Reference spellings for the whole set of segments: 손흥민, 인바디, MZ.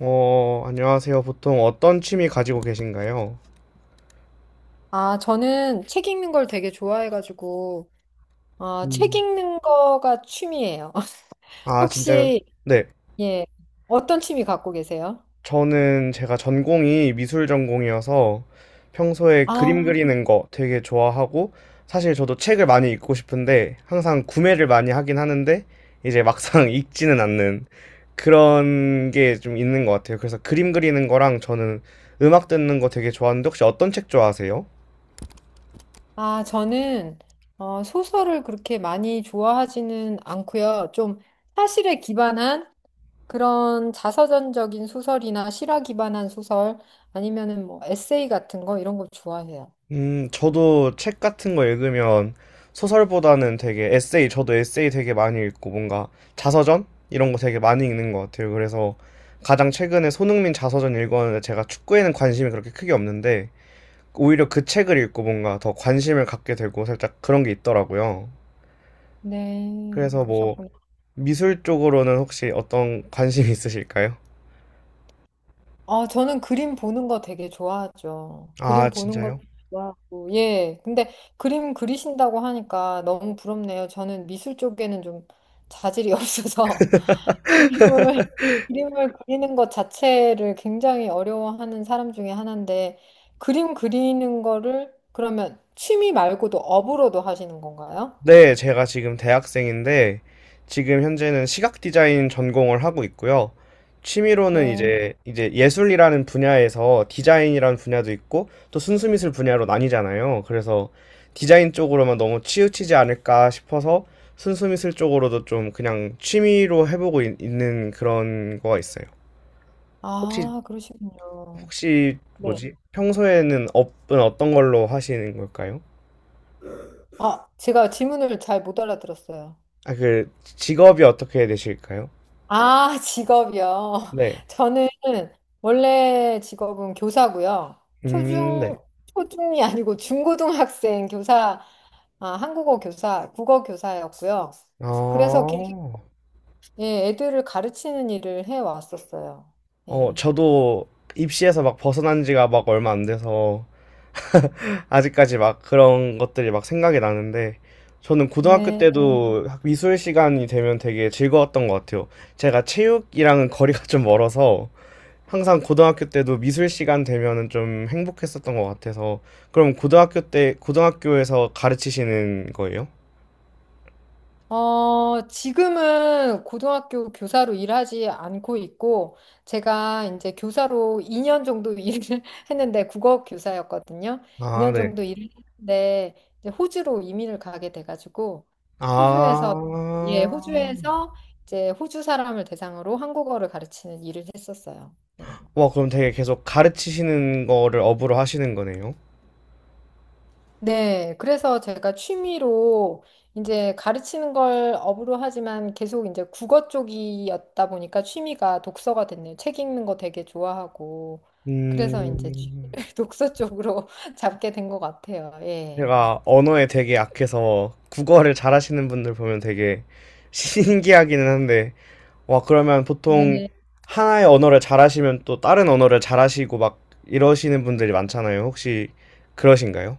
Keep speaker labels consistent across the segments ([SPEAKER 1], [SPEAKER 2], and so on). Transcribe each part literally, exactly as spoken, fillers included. [SPEAKER 1] 어, 안녕하세요. 보통 어떤 취미 가지고 계신가요?
[SPEAKER 2] 아, 저는 책 읽는 걸 되게 좋아해가지고, 어, 책
[SPEAKER 1] 음,
[SPEAKER 2] 읽는 거가 취미예요.
[SPEAKER 1] 아, 진짜,
[SPEAKER 2] 혹시,
[SPEAKER 1] 네.
[SPEAKER 2] 예, 어떤 취미 갖고 계세요?
[SPEAKER 1] 저는 제가 전공이 미술 전공이어서 평소에 그림
[SPEAKER 2] 아,
[SPEAKER 1] 그리는 거 되게 좋아하고, 사실 저도 책을 많이 읽고 싶은데, 항상 구매를 많이 하긴 하는데, 이제 막상 읽지는 않는 그런 게 좀 있는 것 같아요. 그래서 그림 그리는 거랑 저는 음악 듣는 거 되게 좋아하는데, 혹시 어떤 책 좋아하세요?
[SPEAKER 2] 아, 저는, 어, 소설을 그렇게 많이 좋아하지는 않고요. 좀 사실에 기반한 그런 자서전적인 소설이나 실화 기반한 소설, 아니면은 뭐 에세이 같은 거, 이런 거 좋아해요.
[SPEAKER 1] 음, 저도 책 같은 거 읽으면 소설보다는 되게 에세이, 저도 에세이 되게 많이 읽고 뭔가 자서전? 이런 거 되게 많이 읽는 것 같아요. 그래서 가장 최근에 손흥민 자서전 읽었는데 제가 축구에는 관심이 그렇게 크게 없는데 오히려 그 책을 읽고 뭔가 더 관심을 갖게 되고 살짝 그런 게 있더라고요.
[SPEAKER 2] 네,
[SPEAKER 1] 그래서 뭐
[SPEAKER 2] 그러셨구나.
[SPEAKER 1] 미술 쪽으로는 혹시 어떤 관심이 있으실까요?
[SPEAKER 2] 아, 저는 그림 보는 거 되게 좋아하죠. 그림
[SPEAKER 1] 아,
[SPEAKER 2] 보는 것도
[SPEAKER 1] 진짜요?
[SPEAKER 2] 좋아하고, 예. 근데 그림 그리신다고 하니까 너무 부럽네요. 저는 미술 쪽에는 좀 자질이 없어서 그림을, 그림을 그리는 것 자체를 굉장히 어려워하는 사람 중에 하나인데, 그림 그리는 거를 그러면 취미 말고도 업으로도 하시는 건가요?
[SPEAKER 1] 네, 제가 지금 대학생인데, 지금 현재는 시각 디자인 전공을 하고 있고요. 취미로는
[SPEAKER 2] 네.
[SPEAKER 1] 이제, 이제 예술이라는 분야에서 디자인이라는 분야도 있고, 또 순수미술 분야로 나뉘잖아요. 그래서 디자인 쪽으로만 너무 치우치지 않을까 싶어서 순수미술 쪽으로도 좀 그냥 취미로 해보고 있, 는 그런 거가 있어요. 혹시,
[SPEAKER 2] 아, 그러시군요.
[SPEAKER 1] 혹시
[SPEAKER 2] 네.
[SPEAKER 1] 뭐지? 평소에는 업은 어떤 걸로 하시는 걸까요?
[SPEAKER 2] 아, 제가 질문을 잘 못 알아들었어요.
[SPEAKER 1] 아, 그 직업이 어떻게 되실까요?
[SPEAKER 2] 아, 직업이요.
[SPEAKER 1] 네.
[SPEAKER 2] 저는 원래 직업은 교사고요.
[SPEAKER 1] 음,
[SPEAKER 2] 초중,
[SPEAKER 1] 네.
[SPEAKER 2] 초중이 아니고 중고등학생 교사, 아, 한국어 교사, 국어 교사였고요. 그래서 계속,
[SPEAKER 1] 어,
[SPEAKER 2] 예, 애들을 가르치는 일을 해왔었어요.
[SPEAKER 1] 어,
[SPEAKER 2] 예.
[SPEAKER 1] 저도 입시에서 막 벗어난 지가 막 얼마 안 돼서 아직까지 막 그런 것들이 막 생각이 나는데 저는 고등학교
[SPEAKER 2] 네.
[SPEAKER 1] 때도 미술 시간이 되면 되게 즐거웠던 것 같아요. 제가 체육이랑은 거리가 좀 멀어서 항상 고등학교 때도 미술 시간 되면은 좀 행복했었던 것 같아서 그럼 고등학교 때 고등학교에서 가르치시는 거예요?
[SPEAKER 2] 어, 지금은 고등학교 교사로 일하지 않고 있고, 제가 이제 교사로 이 년 정도 일을 했는데, 국어 교사였거든요.
[SPEAKER 1] 아,
[SPEAKER 2] 이 년
[SPEAKER 1] 네.
[SPEAKER 2] 정도 일을 했는데, 이제 호주로 이민을 가게 돼가지고, 호주에서, 예,
[SPEAKER 1] 아,
[SPEAKER 2] 호주에서 이제 호주 사람을 대상으로 한국어를 가르치는 일을 했었어요. 네.
[SPEAKER 1] 와, 그럼 되게 계속 가르치시는 거를 업으로 하시는 거네요.
[SPEAKER 2] 네, 그래서 제가 취미로 이제 가르치는 걸 업으로 하지만 계속 이제 국어 쪽이었다 보니까 취미가 독서가 됐네요. 책 읽는 거 되게 좋아하고. 그래서
[SPEAKER 1] 음,
[SPEAKER 2] 이제 취미를 독서 쪽으로 잡게 된 것 같아요. 예.
[SPEAKER 1] 제가 언어에 되게 약해서 국어를 잘하시는 분들 보면 되게 신기하기는 한데, 와, 그러면 보통
[SPEAKER 2] 네,
[SPEAKER 1] 하나의 언어를 잘하시면 또 다른 언어를 잘하시고 막 이러시는 분들이 많잖아요. 혹시 그러신가요?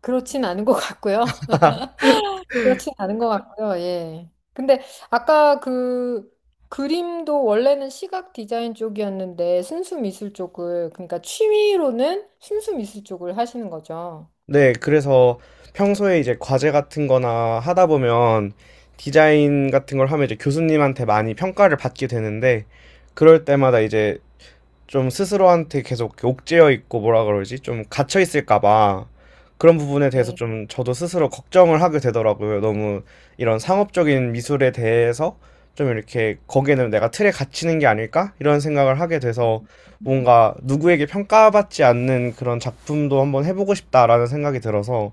[SPEAKER 2] 그렇진 않은 것 같고요. 그렇진 않은 것 같고요. 예. 근데 아까 그 그림도 원래는 시각 디자인 쪽이었는데 순수 미술 쪽을, 그러니까 취미로는 순수 미술 쪽을 하시는 거죠.
[SPEAKER 1] 네, 그래서 평소에 이제 과제 같은 거나 하다 보면 디자인 같은 걸 하면 이제 교수님한테 많이 평가를 받게 되는데, 그럴 때마다 이제 좀 스스로한테 계속 옥죄어 있고 뭐라 그러지? 좀 갇혀 있을까봐 그런 부분에 대해서
[SPEAKER 2] 네,
[SPEAKER 1] 좀 저도 스스로 걱정을 하게 되더라고요. 너무 이런 상업적인 미술에 대해서 좀 이렇게 거기에는 내가 틀에 갇히는 게 아닐까? 이런 생각을 하게 돼서 뭔가 누구에게 평가받지 않는 그런 작품도 한번 해보고 싶다라는 생각이 들어서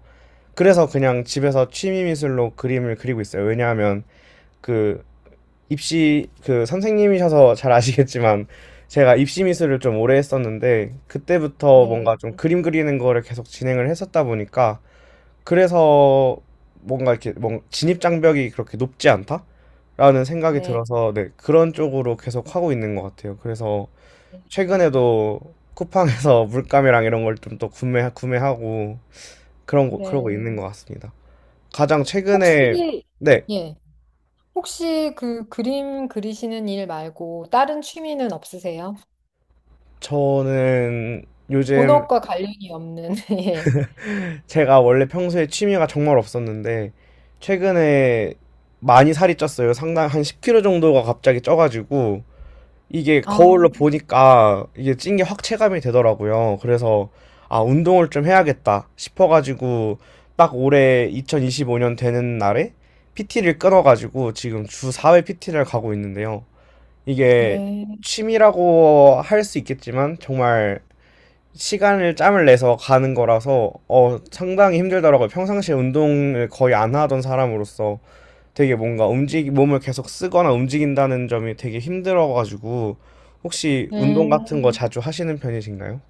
[SPEAKER 1] 그래서 그냥 집에서 취미 미술로 그림을 그리고 있어요. 왜냐하면 그 입시 그 선생님이셔서 잘 아시겠지만 제가 입시 미술을 좀 오래 했었는데 그때부터
[SPEAKER 2] 네,
[SPEAKER 1] 뭔가 좀 그림 그리는 거를 계속 진행을 했었다 보니까 그래서 뭔가 이렇게 뭔 진입 장벽이 그렇게 높지 않다라는 생각이
[SPEAKER 2] 네,
[SPEAKER 1] 들어서 네, 그런 쪽으로 계속 하고 있는 것 같아요. 그래서
[SPEAKER 2] 네.
[SPEAKER 1] 최근에도 쿠팡에서 물감이랑 이런 걸 좀 또 구매 구매하고 그런 거 그러고
[SPEAKER 2] 네.
[SPEAKER 1] 있는 것 같습니다. 가장 최근에
[SPEAKER 2] 혹시,
[SPEAKER 1] 네,
[SPEAKER 2] 예, 혹시 그 그림 그리시는 일 말고 다른 취미는 없으세요?
[SPEAKER 1] 저는 요즘
[SPEAKER 2] 본업과 관련이 없는, 예.
[SPEAKER 1] 제가 원래 평소에 취미가 정말 없었는데 최근에 많이 살이 쪘어요. 상당 한 십 킬로그램 정도가 갑자기 쪄가지고 이게
[SPEAKER 2] 아,
[SPEAKER 1] 거울로 보니까 이게 찐게 확 체감이 되더라고요. 그래서 아 운동을 좀 해야겠다 싶어가지고 딱 올해 이천이십오 년 되는 날에 피티를 끊어가지고 지금 주 사 회 피티를 가고 있는데요. 이게
[SPEAKER 2] 네.
[SPEAKER 1] 취미라고 할 수 있겠지만 정말 시간을 짬을 내서 가는 거라서 어 상당히 힘들더라고요. 평상시에 운동을 거의 안 하던 사람으로서 되게 뭔가 움직 몸을 계속 쓰거나 움직인다는 점이 되게 힘들어가지고 혹시 운동 같은 거
[SPEAKER 2] 음,
[SPEAKER 1] 자주 하시는 편이신가요?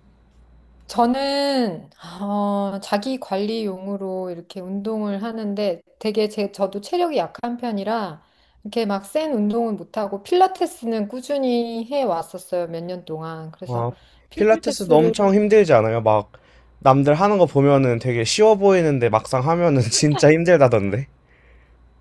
[SPEAKER 2] 저는, 어, 자기 관리용으로 이렇게 운동을 하는데 되게 제, 저도 체력이 약한 편이라 이렇게 막 센 운동은 못하고 필라테스는 꾸준히 해 왔었어요, 몇 년 동안.
[SPEAKER 1] 아,
[SPEAKER 2] 그래서
[SPEAKER 1] 필라테스도
[SPEAKER 2] 필라테스를
[SPEAKER 1] 엄청 힘들지 않아요? 막 남들 하는 거 보면은 되게 쉬워 보이는데 막상 하면은 진짜 힘들다던데.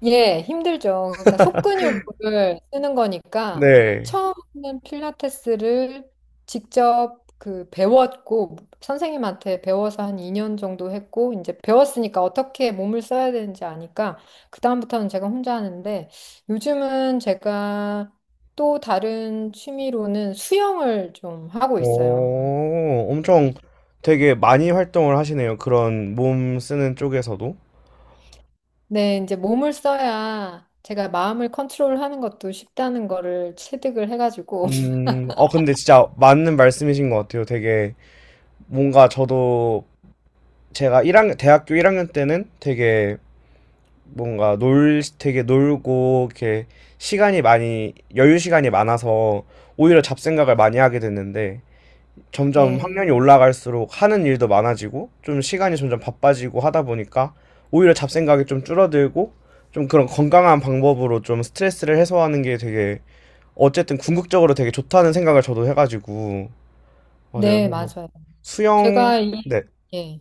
[SPEAKER 2] 예, 힘들죠. 그러니까 속근육을 쓰는 거니까
[SPEAKER 1] 네.
[SPEAKER 2] 처음에는 필라테스를 직접 그 배웠고 선생님한테 배워서 한 이 년 정도 했고 이제 배웠으니까 어떻게 몸을 써야 되는지 아니까 그다음부터는 제가 혼자 하는데 요즘은 제가 또 다른 취미로는 수영을 좀 하고 있어요.
[SPEAKER 1] 오, 엄청 되게 많이 활동을 하시네요. 그런 몸 쓰는 쪽에서도.
[SPEAKER 2] 네, 이제 몸을 써야 제가 마음을 컨트롤하는 것도 쉽다는 거를 체득을 해가지고
[SPEAKER 1] 음, 어, 근데 진짜 맞는 말씀이신 것 같아요. 되게 뭔가 저도 제가 일 학년 대학교 일 학년 때는 되게 뭔가 놀, 되게 놀고 이렇게 시간이 많이, 여유 시간이 많아서 오히려 잡생각을 많이 하게 됐는데 점점
[SPEAKER 2] 네.
[SPEAKER 1] 학년이 올라갈수록 하는 일도 많아지고 좀 시간이 점점 바빠지고 하다 보니까 오히려 잡생각이 좀 줄어들고 좀 그런 건강한 방법으로 좀 스트레스를 해소하는 게 되게 어쨌든 궁극적으로 되게 좋다는 생각을 저도 해가지고 맞아요.
[SPEAKER 2] 네,
[SPEAKER 1] 그래서 음,
[SPEAKER 2] 맞아요.
[SPEAKER 1] 수영,
[SPEAKER 2] 제가 이,
[SPEAKER 1] 네.
[SPEAKER 2] 예,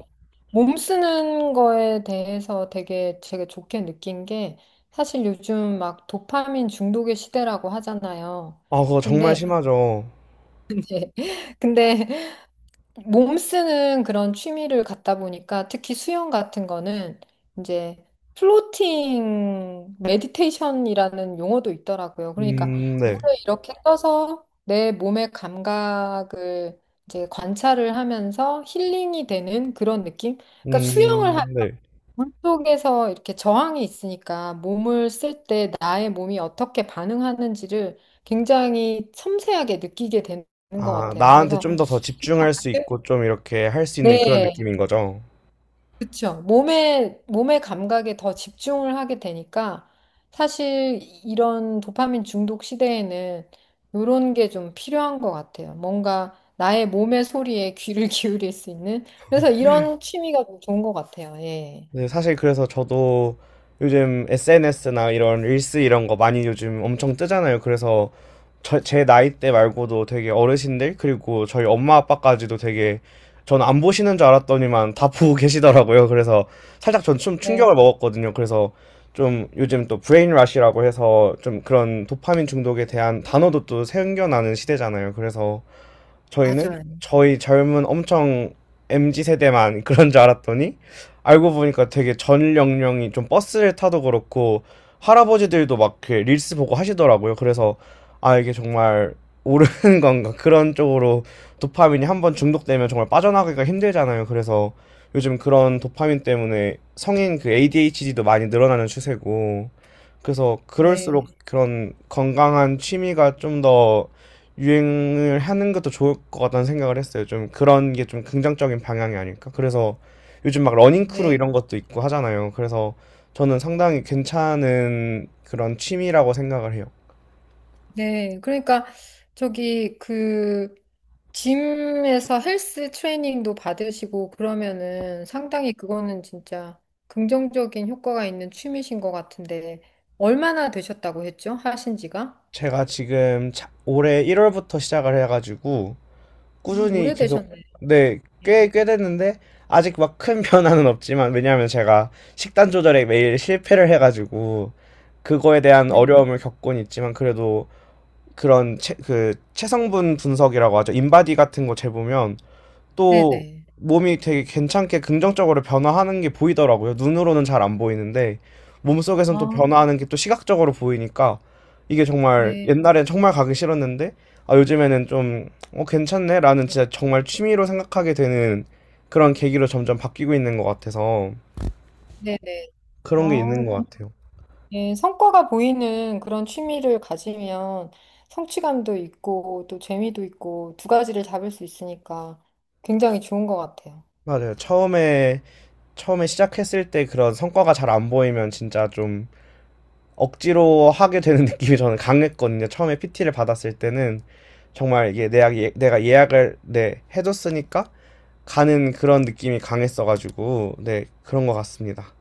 [SPEAKER 2] 몸 쓰는 거에 대해서 되게 제가 좋게 느낀 게 사실 요즘 막 도파민 중독의 시대라고 하잖아요.
[SPEAKER 1] 아, 그거 정말 음,
[SPEAKER 2] 근데,
[SPEAKER 1] 심하죠.
[SPEAKER 2] 예, 근데 몸 쓰는 그런 취미를 갖다 보니까 특히 수영 같은 거는 이제 플로팅 메디테이션이라는 용어도 있더라고요. 그러니까
[SPEAKER 1] 음, 네.
[SPEAKER 2] 물에 이렇게 떠서 내 몸의 감각을 이제 관찰을 하면서 힐링이 되는 그런 느낌? 그러니까 수영을 하,
[SPEAKER 1] 음, 네.
[SPEAKER 2] 물 속에서 이렇게 저항이 있으니까 몸을 쓸 때 나의 몸이 어떻게 반응하는지를 굉장히 섬세하게 느끼게 되는 것
[SPEAKER 1] 아,
[SPEAKER 2] 같아요.
[SPEAKER 1] 나한테
[SPEAKER 2] 그래서
[SPEAKER 1] 좀 더 더 집중할 수 있고 좀 이렇게 할 수 있는 그런
[SPEAKER 2] 네,
[SPEAKER 1] 느낌인 거죠.
[SPEAKER 2] 그쵸. 몸의, 몸의 감각에 더 집중을 하게 되니까 사실 이런 도파민 중독 시대에는 이런 게 좀 필요한 것 같아요. 뭔가 나의 몸의 소리에 귀를 기울일 수 있는. 그래서 이런 취미가 좀 좋은 것 같아요. 예.
[SPEAKER 1] 네, 사실 그래서 저도 요즘 에스엔에스나 이런 릴스 이런 거 많이 요즘 엄청 뜨잖아요. 그래서 저, 제 나이 때 말고도 되게 어르신들, 그리고 저희 엄마 아빠까지도 되게 저는 안 보시는 줄 알았더니만 다 보고 계시더라고요. 그래서 살짝 전 좀
[SPEAKER 2] 네,
[SPEAKER 1] 충격을 먹었거든요. 그래서 좀 요즘 또 브레인 러시라고 해서 좀 그런 도파민 중독에 대한 단어도 또 생겨나는 시대잖아요. 그래서 저희는
[SPEAKER 2] 맞아요.
[SPEAKER 1] 저희 젊은 엄청 엠지 세대만 그런 줄 알았더니 알고 보니까 되게 전 연령이 좀 버스를 타도 그렇고 할아버지들도 막 그 릴스 보고 하시더라고요. 그래서 아 이게 정말 오르는 건가 그런 쪽으로 도파민이 한번 중독되면 정말 빠져나가기가 힘들잖아요. 그래서 요즘 그런 도파민 때문에 성인 그 에이디에이치디도 많이 늘어나는 추세고 그래서 그럴수록
[SPEAKER 2] 네,
[SPEAKER 1] 그런 건강한 취미가 좀더 유행을 하는 것도 좋을 것 같다는 생각을 했어요. 좀 그런 게 좀 긍정적인 방향이 아닐까? 그래서 요즘 막 러닝 크루
[SPEAKER 2] 네,
[SPEAKER 1] 이런 것도 있고 하잖아요. 그래서 저는 상당히 괜찮은 그런 취미라고 생각을 해요.
[SPEAKER 2] 네. 그러니까 저기 그 짐에서 헬스 트레이닝도 받으시고 그러면은 상당히 그거는 진짜 긍정적인 효과가 있는 취미신 것 같은데 얼마나 되셨다고 했죠? 하신 지가?
[SPEAKER 1] 제가 지금 차- 올해 일월부터 시작을 해가지고
[SPEAKER 2] 음,
[SPEAKER 1] 꾸준히 계속
[SPEAKER 2] 오래되셨네.
[SPEAKER 1] 네,
[SPEAKER 2] 네.
[SPEAKER 1] 꽤, 꽤 됐는데 아직 막 큰 변화는 없지만 왜냐하면 제가 식단 조절에 매일 실패를 해가지고 그거에 대한
[SPEAKER 2] 네.
[SPEAKER 1] 어려움을 겪곤 있지만 그래도 그런 체, 그 체성분 분석이라고 하죠. 인바디 같은 거 재보면 또
[SPEAKER 2] 네네.
[SPEAKER 1] 몸이 되게 괜찮게 긍정적으로 변화하는 게 보이더라고요. 눈으로는 잘 안 보이는데 몸속에선 또
[SPEAKER 2] 아,
[SPEAKER 1] 변화하는 게 또 시각적으로 보이니까 이게 정말
[SPEAKER 2] 네.
[SPEAKER 1] 옛날엔 정말 가기 싫었는데 아 요즘에는 좀 어, 괜찮네 라는 진짜 정말 취미로 생각하게 되는 그런 계기로 점점 바뀌고 있는 것 같아서
[SPEAKER 2] 네네. 아,
[SPEAKER 1] 그런 게 있는 것 같아요.
[SPEAKER 2] 네. 성과가 보이는 그런 취미를 가지면 성취감도 있고 또 재미도 있고 두 가지를 잡을 수 있으니까 굉장히 좋은 것 같아요.
[SPEAKER 1] 맞아요. 처음에 처음에 시작했을 때 그런 성과가 잘 안 보이면 진짜 좀 억지로 하게 되는 느낌이 저는 강했거든요. 처음에 피티를 받았을 때는 정말 이게 내가, 예, 내가 예약을 네, 해줬으니까 가는 그런 느낌이 강했어가지고 네 그런 것 같습니다.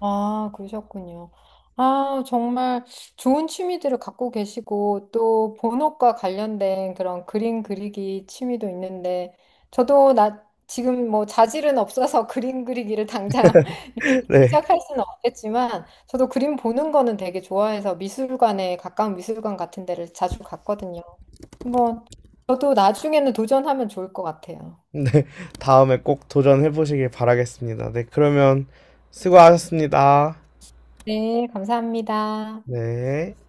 [SPEAKER 2] 아, 그러셨군요. 아, 정말 좋은 취미들을 갖고 계시고, 또 본업과 관련된 그런 그림 그리기 취미도 있는데, 저도 나 지금 뭐 자질은 없어서 그림 그리기를 당장 이렇게
[SPEAKER 1] 네,
[SPEAKER 2] 시작할 수는 없겠지만, 저도 그림 보는 거는 되게 좋아해서 미술관에 가까운 미술관 같은 데를 자주 갔거든요. 한번 저도 나중에는 도전하면 좋을 것 같아요.
[SPEAKER 1] 네 다음에 꼭 도전해 보시길 바라겠습니다. 네 그러면 수고하셨습니다.
[SPEAKER 2] 네, 감사합니다.
[SPEAKER 1] 네.